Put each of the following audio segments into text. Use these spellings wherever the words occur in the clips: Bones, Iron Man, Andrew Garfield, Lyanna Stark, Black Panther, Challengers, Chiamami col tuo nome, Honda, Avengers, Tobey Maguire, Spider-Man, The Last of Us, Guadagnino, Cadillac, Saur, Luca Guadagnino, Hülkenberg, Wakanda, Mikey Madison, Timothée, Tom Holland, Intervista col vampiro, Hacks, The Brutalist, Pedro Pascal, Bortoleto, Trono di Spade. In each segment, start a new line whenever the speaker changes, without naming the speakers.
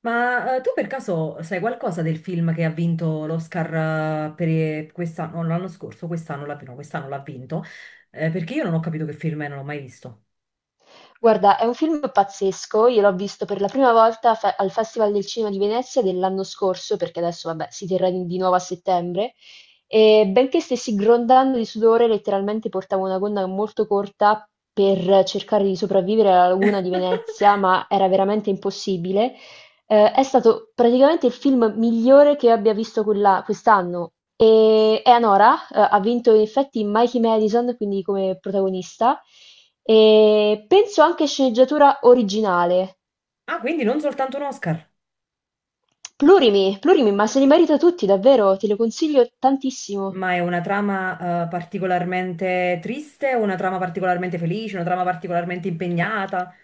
Ma tu per caso sai qualcosa del film che ha vinto l'Oscar per quest'anno, no, l'anno scorso, quest'anno l'ha no, quest'anno l'ha vinto. Perché io non ho capito che film è, non l'ho mai visto.
Guarda, è un film pazzesco, io l'ho visto per la prima volta al Festival del Cinema di Venezia dell'anno scorso, perché adesso, vabbè, si terrà di nuovo a settembre, e benché stessi grondando di sudore, letteralmente portavo una gonna molto corta per cercare di sopravvivere alla laguna di Venezia, ma era veramente impossibile. È stato praticamente il film migliore che io abbia visto quella quest'anno e Eleanora, ha vinto in effetti Mikey Madison, quindi come protagonista, e penso anche sceneggiatura originale.
Ah, quindi non soltanto un Oscar,
Plurimi, plurimi, ma se li merita tutti, davvero, te lo consiglio tantissimo.
ma è una trama particolarmente triste, una trama particolarmente felice, una trama particolarmente impegnata.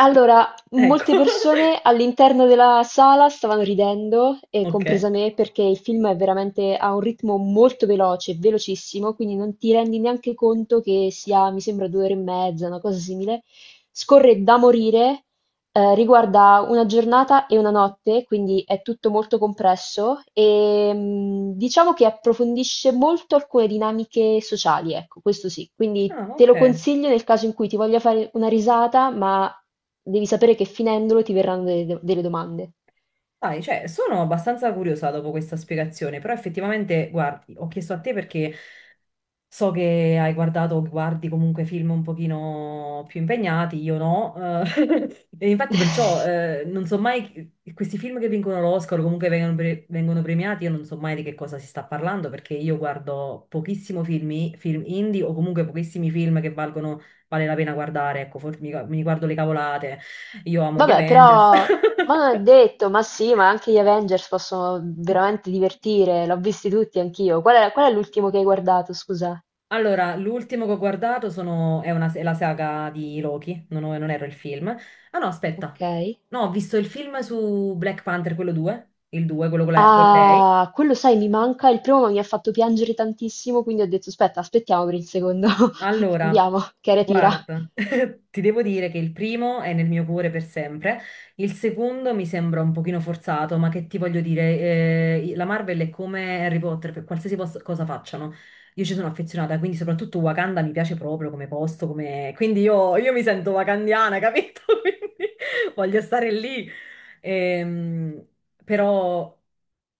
Allora,
Ecco.
molte persone all'interno della sala stavano ridendo, e
Ok.
compresa me, perché il film è veramente a un ritmo molto veloce, velocissimo, quindi non ti rendi neanche conto che sia, mi sembra, due ore e mezza, una cosa simile. Scorre da morire, riguarda una giornata e una notte, quindi è tutto molto compresso e diciamo che approfondisce molto alcune dinamiche sociali, ecco, questo sì. Quindi
Ah,
te
ok.
lo consiglio nel caso in cui ti voglia fare una risata, ma devi sapere che finendolo ti verranno delle domande.
Dai, cioè, sono abbastanza curiosa dopo questa spiegazione, però effettivamente, guardi, ho chiesto a te perché so che hai guardato o guardi comunque film un pochino più impegnati, io no, e infatti perciò non so mai, questi film che vincono l'Oscar o comunque vengono premiati, io non so mai di che cosa si sta parlando perché io guardo pochissimo film, film indie o comunque pochissimi film che valgono, vale la pena guardare, ecco, forse mi guardo le cavolate, io amo gli
Vabbè, però,
Avengers.
ma non è detto, ma sì, ma anche gli Avengers possono veramente divertire, l'ho visti tutti anch'io. Qual è l'ultimo che hai guardato, scusa?
Allora, l'ultimo che ho guardato è, è la saga di Loki, non, non ero il film. Ah no,
Ok.
aspetta. No, ho visto il film su Black Panther, quello 2, il 2, quello con, la- con lei.
Ah, quello sai, mi manca. Il primo mi ha fatto piangere tantissimo, quindi ho detto, aspetta, aspettiamo per il secondo.
Allora,
Vediamo, che era tira.
guarda, ti devo dire che il primo è nel mio cuore per sempre, il secondo mi sembra un pochino forzato, ma che ti voglio dire, la Marvel è come Harry Potter, per qualsiasi cosa facciano. Io ci sono affezionata, quindi soprattutto Wakanda mi piace proprio come posto, come... quindi io mi sento wakandiana, capito? Quindi voglio stare lì. Ehm, però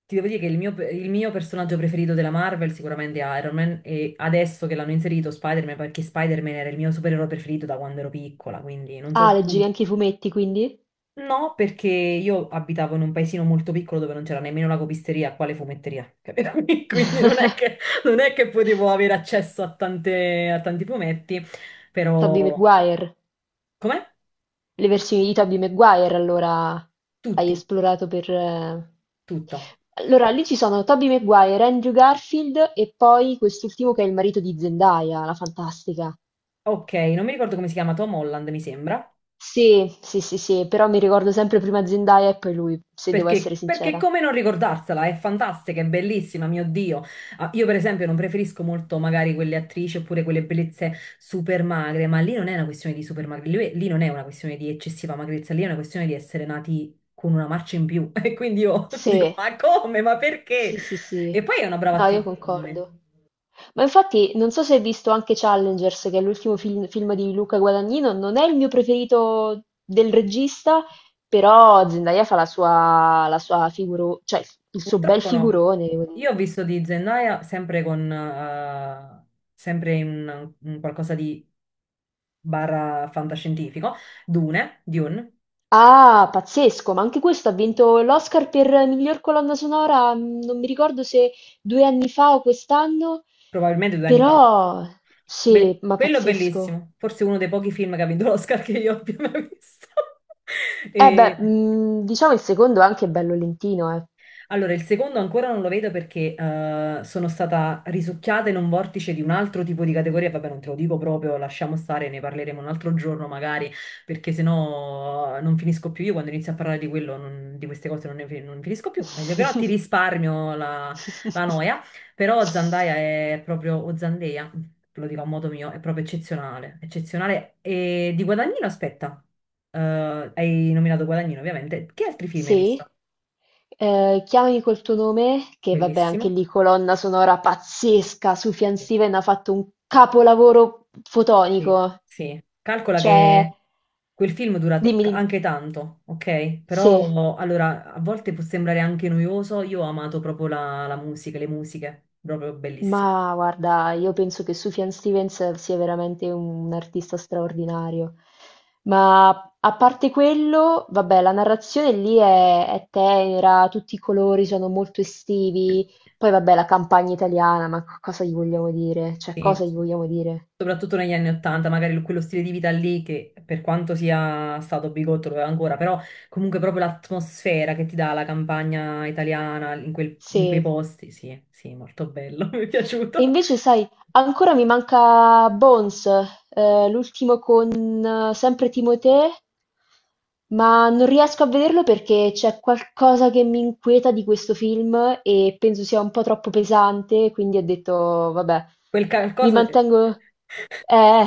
ti devo dire che il mio personaggio preferito della Marvel sicuramente è Iron Man e adesso che l'hanno inserito Spider-Man perché Spider-Man era il mio supereroe preferito da quando ero piccola, quindi non
Ah,
so
leggevi
tu.
anche i fumetti, quindi?
No, perché io abitavo in un paesino molto piccolo dove non c'era nemmeno la copisteria, quale fumetteria, capito? Quindi non è che, non è che potevo avere accesso a a tanti fumetti,
Tobey
però...
Maguire.
Com'è?
Le versioni di Tobey Maguire, allora, hai
Tutti,
esplorato per...
tutto.
Allora, lì ci sono Tobey Maguire, Andrew Garfield e poi quest'ultimo che è il marito di Zendaya, la fantastica.
Ok, non mi ricordo come si chiama Tom Holland, mi sembra.
Sì, sì, sì, sì, però mi ricordo sempre prima Zendaya e poi lui, se devo
Perché,
essere
perché
sincera.
come non ricordarsela? È fantastica, è bellissima, mio Dio. Ah, io, per esempio, non preferisco molto magari quelle attrici oppure quelle bellezze super magre, ma lì non è una questione di super magre, lì, lì non è una questione di eccessiva magrezza, lì è una questione di essere nati con una marcia in più. E quindi io dico,
Sì.
ma come? Ma perché?
Sì, sì, sì.
E poi è una brava
No, io
attrice, secondo me.
concordo. Ma infatti, non so se hai visto anche Challengers, che è l'ultimo film di Luca Guadagnino, non è il mio preferito del regista, però Zendaya fa la sua figuro, cioè il suo bel
Purtroppo no.
figurone, devo dire.
Io ho visto di Zendaya sempre con, sempre in qualcosa di barra fantascientifico, Dune, Dune.
Ah, pazzesco, ma anche questo ha vinto l'Oscar per miglior colonna sonora, non mi ricordo se due anni fa o quest'anno,
Probabilmente 2 anni fa.
però sì,
Be-
ma
quello è
pazzesco.
bellissimo, forse uno dei pochi film che ha vinto l'Oscar che io abbia mai visto.
Eh beh,
E-
mhmm, diciamo il secondo è anche bello lentino, eh.
allora, il secondo ancora non lo vedo perché sono stata risucchiata in un vortice di un altro tipo di categoria. Vabbè, non te lo dico proprio, lasciamo stare, ne parleremo un altro giorno magari, perché sennò non finisco più. Io quando inizio a parlare di quello, non- di queste cose non ne fi- non finisco più. Meglio però ti risparmio la noia. Però Zandaia è proprio, o Zandeia, lo dico a modo mio, è proprio eccezionale. Eccezionale. E di Guadagnino, aspetta, hai nominato Guadagnino, ovviamente. Che altri film hai
Sì.
visto?
Chiamami col tuo nome, che vabbè anche
Bellissimo.
lì colonna sonora pazzesca, Sufjan
Sì.
Stevens ha fatto un capolavoro
Sì,
fotonico.
sì. Calcola
Cioè
che quel film dura
Dimmi, dimmi.
anche tanto, ok?
Sì,
Però allora a volte può sembrare anche noioso. Io ho amato proprio la musica, le musiche, proprio bellissime.
ma guarda, io penso che Sufjan Stevens sia veramente un artista straordinario. Ma a parte quello, vabbè, la narrazione lì è tenera, tutti i colori sono molto estivi. Poi vabbè, la campagna italiana, ma cosa gli vogliamo dire? Cioè,
Sì,
cosa gli
sì,
vogliamo dire?
soprattutto negli anni Ottanta, magari quello stile di vita lì che per quanto sia stato bigotto lo è ancora, però comunque proprio l'atmosfera che ti dà la campagna italiana in quei
Sì.
posti, sì, sì, molto bello, mi è
E
piaciuto.
invece, sai, ancora mi manca Bones, l'ultimo con sempre Timothée, ma non riesco a vederlo perché c'è qualcosa che mi inquieta di questo film e penso sia un po' troppo pesante, quindi ho detto, vabbè,
Quel
mi
qualcosa.
mantengo... Eh,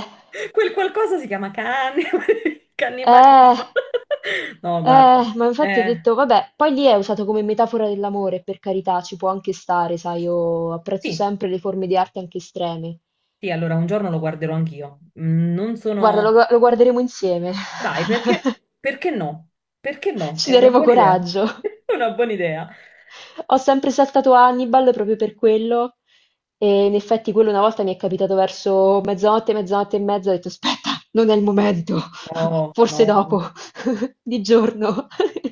Quel qualcosa si chiama cane,
eh,
cannibalismo. No, guarda.
ma infatti ho
Eh,
detto, vabbè, poi lì è usato come metafora dell'amore, per carità, ci può anche stare, sai, io apprezzo
sì,
sempre le forme di arte anche estreme.
sì, allora un giorno lo guarderò anch'io. Mm, non
Guarda,
sono...
lo guarderemo insieme.
Dai, perché, perché no? Perché no? È
Ci
una
daremo
buona idea.
coraggio.
Una buona idea.
Ho sempre saltato Hannibal proprio per quello. E in effetti quello una volta mi è capitato verso mezzanotte, mezzanotte e mezza, ho detto aspetta, non è il momento,
No,
forse
no.
dopo, di giorno.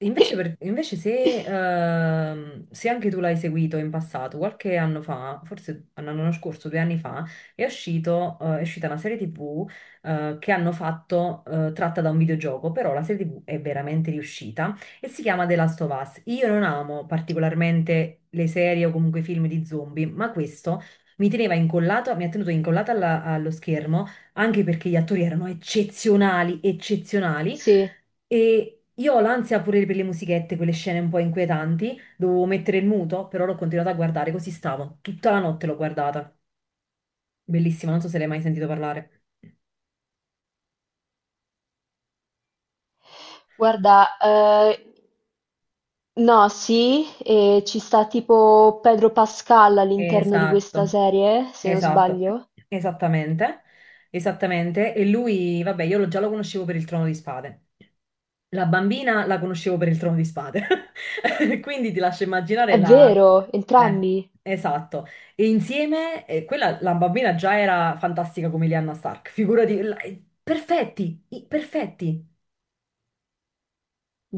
Invece, per- invece se anche tu l'hai seguito in passato, qualche anno fa, forse l'anno scorso, 2 anni fa, è uscito, è uscita una serie TV, che hanno fatto, tratta da un videogioco, però la serie TV è veramente riuscita e si chiama The Last of Us. Io non amo particolarmente le serie o comunque i film di zombie, ma questo mi teneva incollato, mi ha tenuto incollata allo schermo, anche perché gli attori erano eccezionali, eccezionali.
Sì,
E io ho l'ansia pure per le musichette, quelle scene un po' inquietanti. Dovevo mettere il muto, però l'ho continuato a guardare, così stavo. Tutta la notte l'ho guardata. Bellissima, non so se l'hai mai sentito parlare.
guarda, no, sì, e ci sta tipo Pedro Pascal all'interno di questa
Esatto,
serie, se non
esatto,
sbaglio.
esattamente, esattamente. E lui, vabbè, io già lo conoscevo per il Trono di Spade. La bambina la conoscevo per il Trono di Spade. Quindi ti lascio immaginare
È
la...
vero,
Eh,
entrambi.
esatto. E insieme, quella, la bambina già era fantastica come Lyanna Stark, figurati, perfetti, perfetti.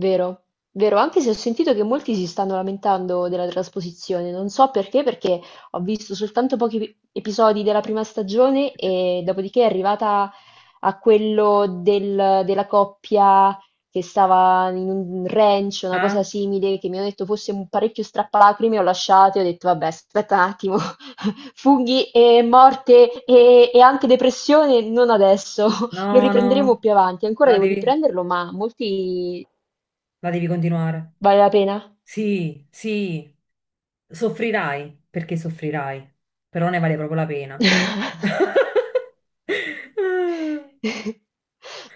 Vero, vero, anche se ho sentito che molti si stanno lamentando della trasposizione, non so perché, perché ho visto soltanto episodi della prima stagione e dopodiché è arrivata a quello della coppia che stava in un ranch, una cosa
Ah,
simile, che mi hanno detto fosse un parecchio strappalacrime, ho lasciato e ho detto vabbè, aspetta un attimo, funghi e morte e anche depressione, non adesso, lo
no,
riprenderemo
no,
più avanti, ancora
la
devo
devi,
riprenderlo, ma molti.
la devi continuare.
Vale la pena?
Sì, sì, soffrirai perché soffrirai, però ne vale proprio la pena.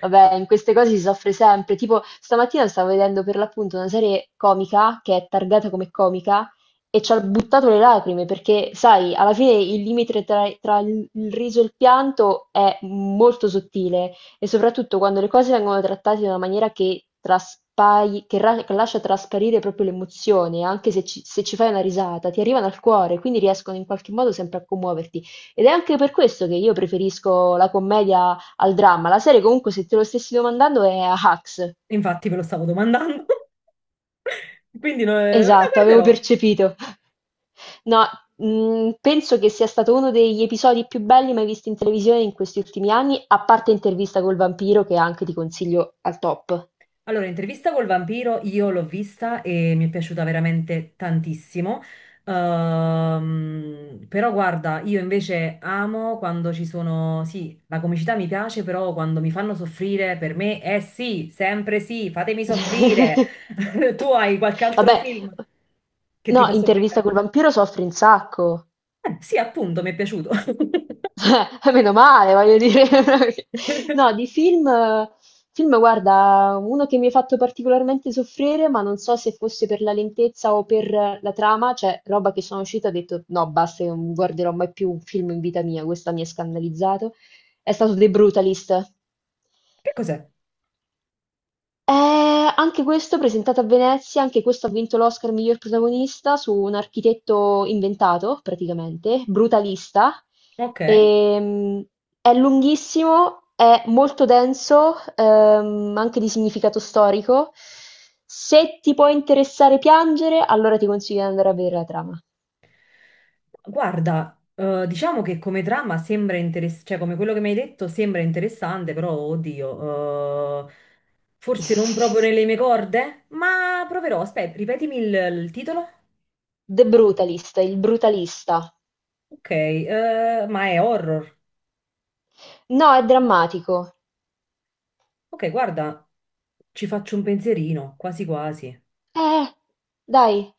Vabbè, in queste cose si soffre sempre. Tipo, stamattina stavo vedendo per l'appunto una serie comica che è targata come comica e ci ho buttato le lacrime perché, sai, alla fine il limite tra il riso e il pianto è molto sottile e soprattutto quando le cose vengono trattate in una maniera che, traspai- che ra- che lascia trasparire proprio l'emozione, anche se se ci fai una risata, ti arrivano al cuore, quindi riescono in qualche modo sempre a commuoverti. Ed è anche per questo che io preferisco la commedia al dramma. La serie, comunque, se te lo stessi domandando, è a Hacks.
Infatti, ve lo stavo domandando. Quindi no, la
Esatto, avevo
guarderò.
percepito. No, penso che sia stato uno degli episodi più belli mai visti in televisione in questi ultimi anni, a parte Intervista col vampiro, che anche ti consiglio al top.
Allora, intervista col vampiro io l'ho vista e mi è piaciuta veramente tantissimo. Però guarda, io invece amo quando ci sono, sì, la comicità mi piace, però quando mi fanno soffrire, per me è sì, sempre sì, fatemi soffrire. Tu hai qualche altro
Vabbè,
film che ti
no,
fa
Intervista
soffrire?
col vampiro soffre un sacco.
Sì, appunto, mi è piaciuto.
Meno male, voglio dire. No, di film, film, guarda, uno che mi ha fatto particolarmente soffrire, ma non so se fosse per la lentezza o per la trama, cioè roba che sono uscita e ho detto no, basta, io non guarderò mai più un film in vita mia, questa mi ha scandalizzato, è stato The Brutalist.
Che cos'è?
Anche questo presentato a Venezia, anche questo ha vinto l'Oscar miglior protagonista su un architetto inventato, praticamente, brutalista.
Ok.
Ehm, è lunghissimo, è molto denso, anche di significato storico. Se ti può interessare piangere, allora ti consiglio di andare a vedere la trama.
Guarda, diciamo che come trama sembra interessante, cioè come quello che mi hai detto sembra interessante, però oddio, forse non proprio nelle mie corde, ma proverò. Aspetta, ripetimi il titolo?
The Brutalist, il brutalista.
Ok, ma è horror.
No, è drammatico.
Ok, guarda, ci faccio un pensierino, quasi quasi.
Eh, dai,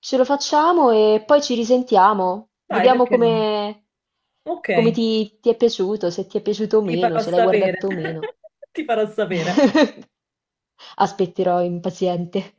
ce lo facciamo e poi ci risentiamo.
Dai,
Vediamo
perché no?
come,
Ok,
come ti è piaciuto, se ti è piaciuto o
ti
meno,
farò
se l'hai
sapere.
guardato o meno.
Ti farò sapere.
Aspetterò impaziente.